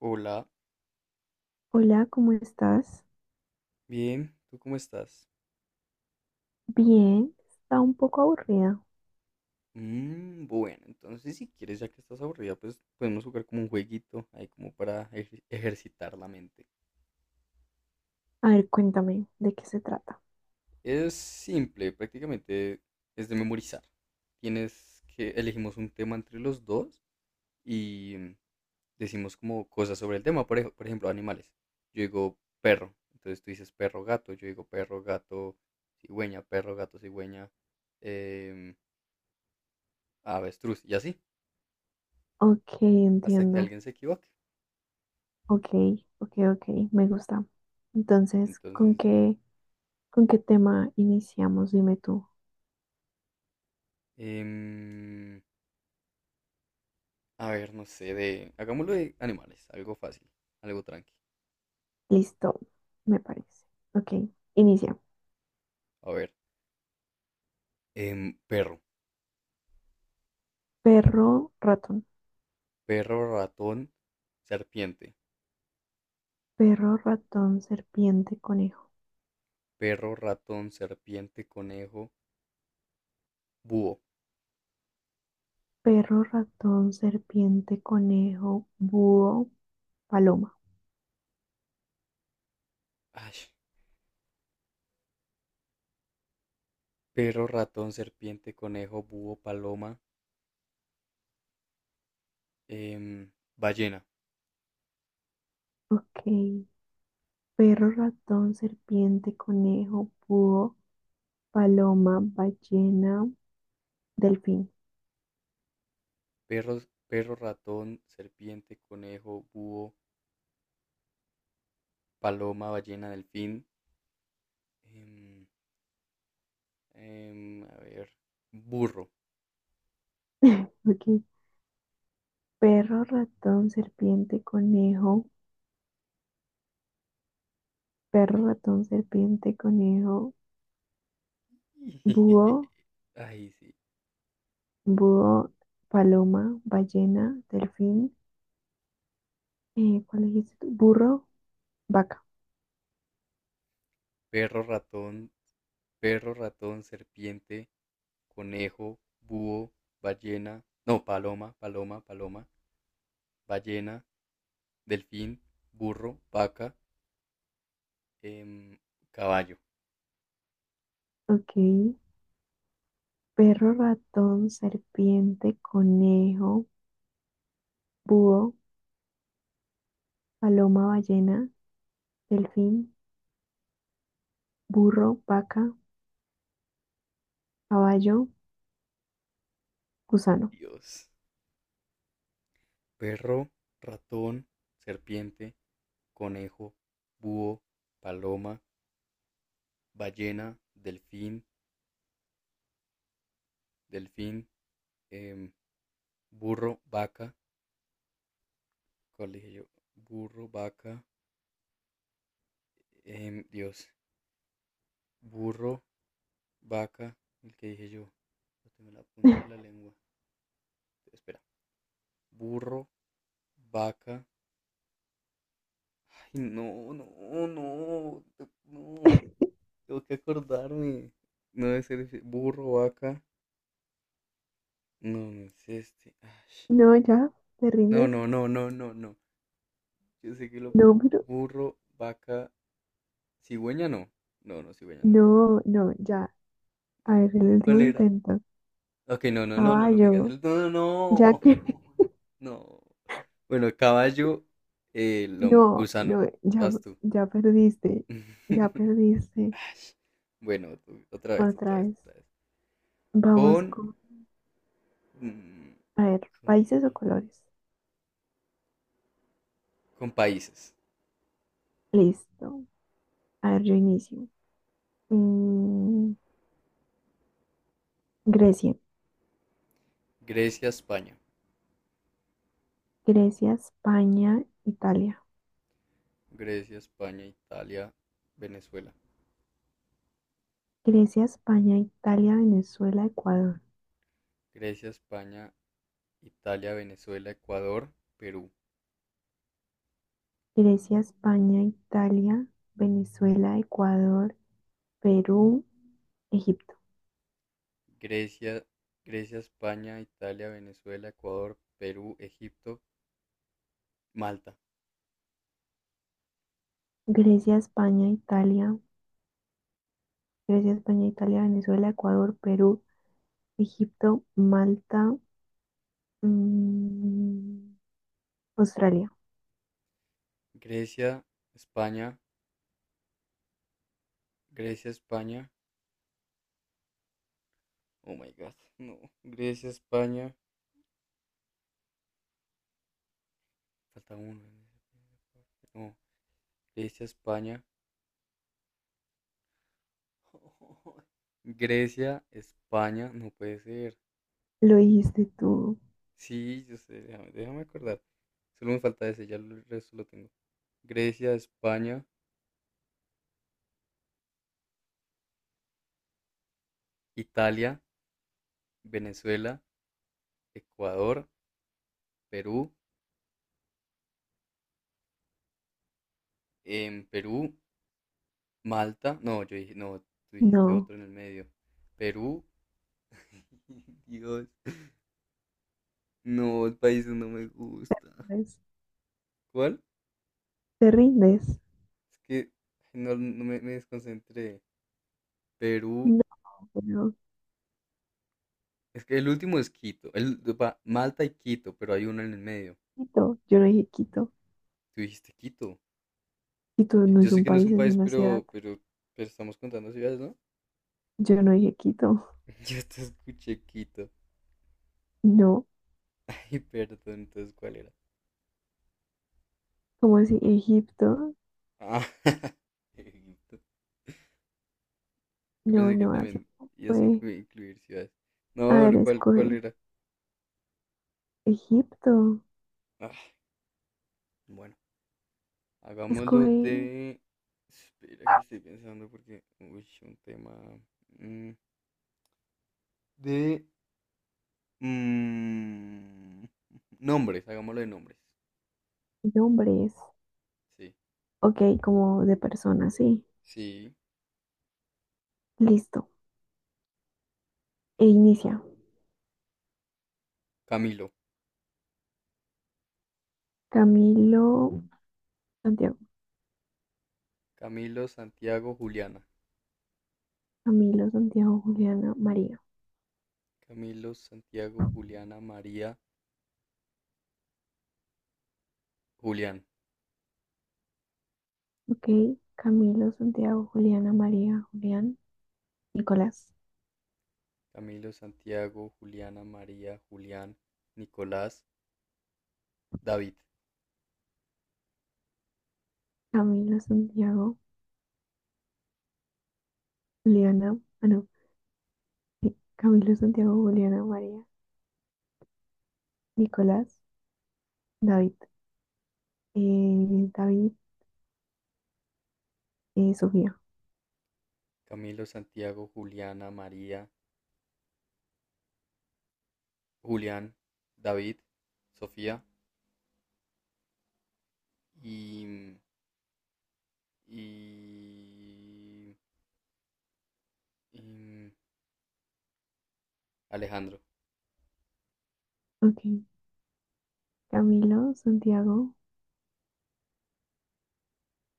Hola, Hola, ¿cómo estás? bien, ¿tú cómo estás? Bien, está un poco aburrida. Bueno, entonces si quieres, ya que estás aburrida, pues podemos jugar como un jueguito ahí como para ejercitar la mente. A ver, cuéntame de qué se trata. Es simple, prácticamente es de memorizar. Tienes que elegimos un tema entre los dos y decimos como cosas sobre el tema, por ejemplo, animales. Yo digo perro, entonces tú dices perro, gato, yo digo perro, gato, cigüeña, em, avestruz, y así, Ok, hasta que entiendo. alguien se equivoque. Ok, ok, ok, me gusta. Entonces, Entonces, ¿con qué tema iniciamos? Dime tú. em, a ver, no sé, hagámoslo de animales, algo fácil, algo tranqui. Listo, me parece. Ok, inicia. A ver, perro, Perro, ratón. perro, ratón, serpiente, Perro, ratón, serpiente, conejo. perro, ratón, serpiente, conejo, búho. Perro, ratón, serpiente, conejo, búho, paloma. Ay, perro, ratón, serpiente, conejo, búho, paloma, em, ballena. Ok, perro, ratón, serpiente, conejo, búho, paloma, ballena, delfín. Perro, perro, ratón, serpiente, conejo, búho, paloma, ballena, delfín. em, a ver, burro. Ok. Perro, ratón, serpiente, conejo. Perro, ratón, serpiente, conejo, búho, Ay, sí. búho, paloma, ballena, delfín. ¿Cuál dijiste tú? Burro, vaca. Perro, ratón, perro, ratón, serpiente, conejo, búho, ballena, no, paloma, paloma, paloma, ballena, delfín, burro, vaca, em, caballo. Ok. Perro, ratón, serpiente, conejo, búho, paloma, ballena, delfín, burro, vaca, caballo, gusano. Dios. Perro, ratón, serpiente, conejo, búho, paloma, ballena, delfín, delfín, em, burro, vaca. ¿Cuál dije yo? Burro, vaca. Dios. Burro, vaca, el que dije yo. No tengo en la punta de la lengua. Espera. Burro, vaca. Ay, no, no, no, no. Tengo que acordarme. No debe ser ese. Burro, vaca. No, no es este. Ay. No, ya, te No, rindes. no, no, no, no, no. Yo sé que lo No, pero, burro, vaca, cigüeña no. No, no, cigüeña no es. no, no, ya. A ver, No, el ¿cuál último era? intento. Ok, no, no, no, no, no me Caballo, digas. No, no, ya no. que, No. Bueno, caballo, el hombre, no, gusano, no, ya, vas tú. ya perdiste, ya perdiste. Ay, bueno, otra vez, otra Otra vez, vez. otra vez. Vamos Con, con, mm, a ver, ¿con países qué? o colores. Con países. Listo. A ver, yo inicio. Mm, Grecia, Grecia, España. Grecia, España, Italia. Grecia, España, Italia, Venezuela. Grecia, España, Italia, Venezuela, Ecuador. Grecia, España, Italia, Venezuela, Ecuador, Perú. Grecia, España, Italia, Venezuela, Ecuador. Perú, Egipto, Grecia, Grecia, España, Italia, Venezuela, Ecuador, Perú, Egipto, Malta. Grecia, España, Italia, Grecia, España, Italia, Venezuela, Ecuador, Perú, Egipto, Malta, mm, Australia. Grecia, España, Grecia, España, oh my god, no. Grecia, España. Falta uno. No, Grecia, España. Grecia, España. No puede ser. Lo dijiste tú. Sí, yo sé, déjame, déjame acordar. Solo me falta ese, ya el resto lo tengo. Grecia, España, Italia, Venezuela, Ecuador, Perú. En Perú, Malta. No, yo dije, no, tú dijiste No, otro en el medio. Perú. Dios. No, el país no me gusta. ¿ves? ¿Cuál? ¿Te rindes? Es que ay, no, no me desconcentré. Perú, No, pero es que el último es Quito. El, va, Malta y Quito, pero hay uno en el medio. Quito. Yo no dije Quito. Tú dijiste Quito. Quito no Yo es sé un que no es país, un es país, una ciudad. pero estamos contando ciudades, ¿no? Yo no dije Quito. Yo te escuché Quito. No. Ay, perdón, entonces, ¿cuál era? ¿Cómo así? Egipto. Ah, Egipto. Yo No, pensé que no, así también no ibas a fue. Incluir ciudades. A No, ver, no, ¿cuál escoge era? Egipto. Ah, bueno, hagámoslo Escoge de... Espera que estoy pensando porque... Uy, un tema. mm, de mm, Nombres, hagámoslo de nombres. nombres. Sí, Ok, como de persona, sí. sí, Listo. E inicia. Camilo. Camilo, Santiago. Camilo, Santiago, Juliana. Camilo, Santiago, Juliana, María. Camilo, Santiago, Juliana, María, Julián. Ok. Camilo, Santiago, Juliana, María, Julián, Nicolás. Camilo, Santiago, Juliana, María, Julián, Nicolás, David. Camilo, Santiago, Juliana. Ah, no. Sí, Camilo, Santiago, Juliana, María, Nicolás, David. Eh, David Sofía. Camilo, Santiago, Juliana, María, Julián, David, Sofía y, y, y Alejandro. Ok. Camilo, Santiago,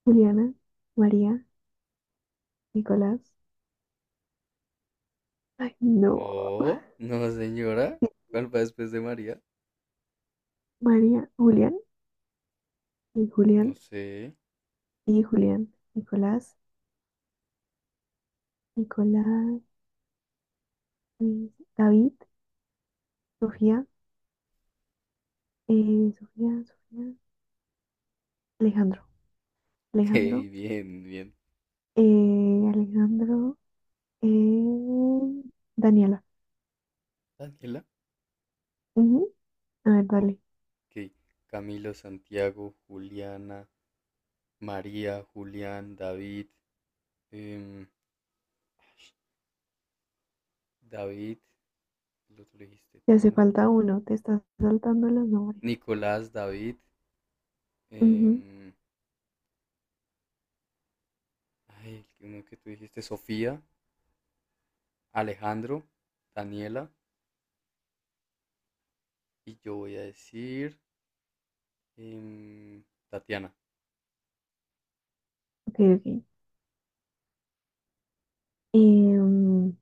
Juliana, María, Nicolás. Ay, no. No, no, señora. Sí, ¿Cuál va después de María? María Julián y No Julián. sé. Y Julián, Nicolás, Nicolás, Luis, David, Sofía, Sofía, Alejandro, Ok, Alejandro, bien, bien. Alejandro, eh, Daniela. Daniela. Ujú. A ver, Ok. dale. Camilo, Santiago, Juliana, María, Julián, David. em, David, el otro lo dijiste Te hace tú. falta uno, te estás saltando los nombres. Nicolás, David. Ujú. em, ay, uno que tú dijiste, Sofía, Alejandro, Daniela. Y yo voy a decir em, Tatiana. Ok, ok. Em,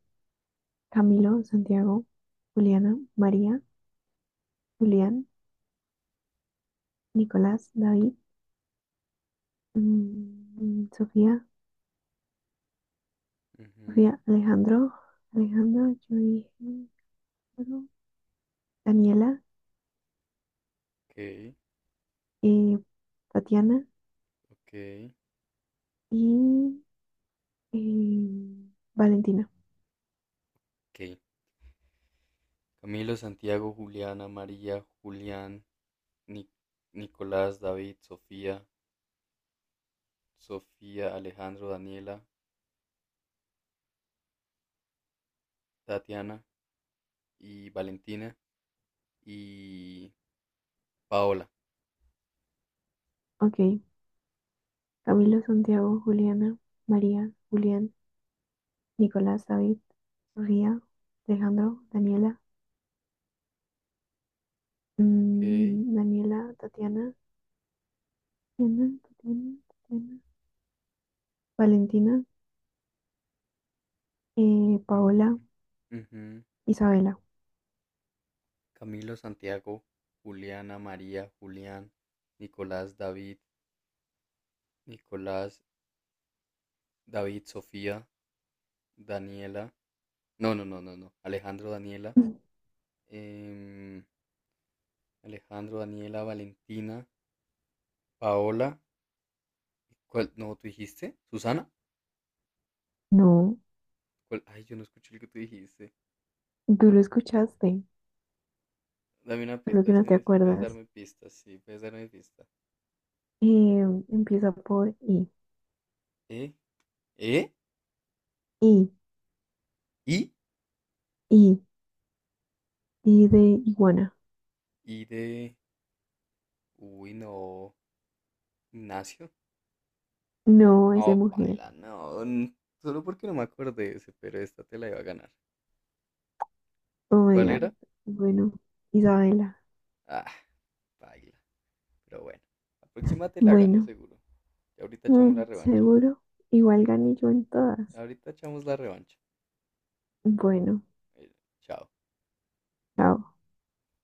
Camilo, Santiago, Juliana, María, Julián, Nicolás, David, mm, Sofía, Ujú, Sofía, Alejandro, Alejandro, yo dije. Alejandro. Daniela, ok, eh, Tatiana ok, y eh, Valentina. ok. Camilo, Santiago, Juliana, María, Julián, Ni- Nicolás, David, Sofía, Sofía, Alejandro, Daniela, Tatiana y Valentina y Paola. Ok, Camilo, Santiago, Juliana, María, Julián, Nicolás, David, Sofía, Alejandro, Daniela, Ok. mm, Daniela, Tatiana, Tatiana, Tatiana, Tatiana, Valentina, Ujú, Paola, ujú. Isabela. Camilo, Santiago, Juliana, María, Julián, Nicolás, David, Nicolás, David, Sofía, Daniela. No, no, no, no, no. Alejandro, Daniela. em, Alejandro, Daniela, Valentina, Paola. ¿Cuál? No, ¿tú dijiste? ¿Susana? No, ¿Cuál? Ay, yo no escuché lo que tú dijiste. tú lo escuchaste, Dame una solo pista. que no Ese, te ese puedes acuerdas. darme pistas. Sí, puedes darme pista. Eh, empieza por I, ¿Eh? ¿Eh? I, ¿Y? I, I de iguana. ¿Y de...? Uy, no. Ignacio. No es de Oh, mujer. paila, no. Solo porque no me acordé de ese, pero esta te la iba a ganar. Oh my ¿Cuál God. era? Bueno, Isabela. Ah, paila. Pero bueno. La próxima te la gano Bueno, seguro. Y ahorita mm, echamos la revancha. seguro. Igual gané yo en todas. Ahorita echamos la revancha. Bueno, Eh, Chao. chao.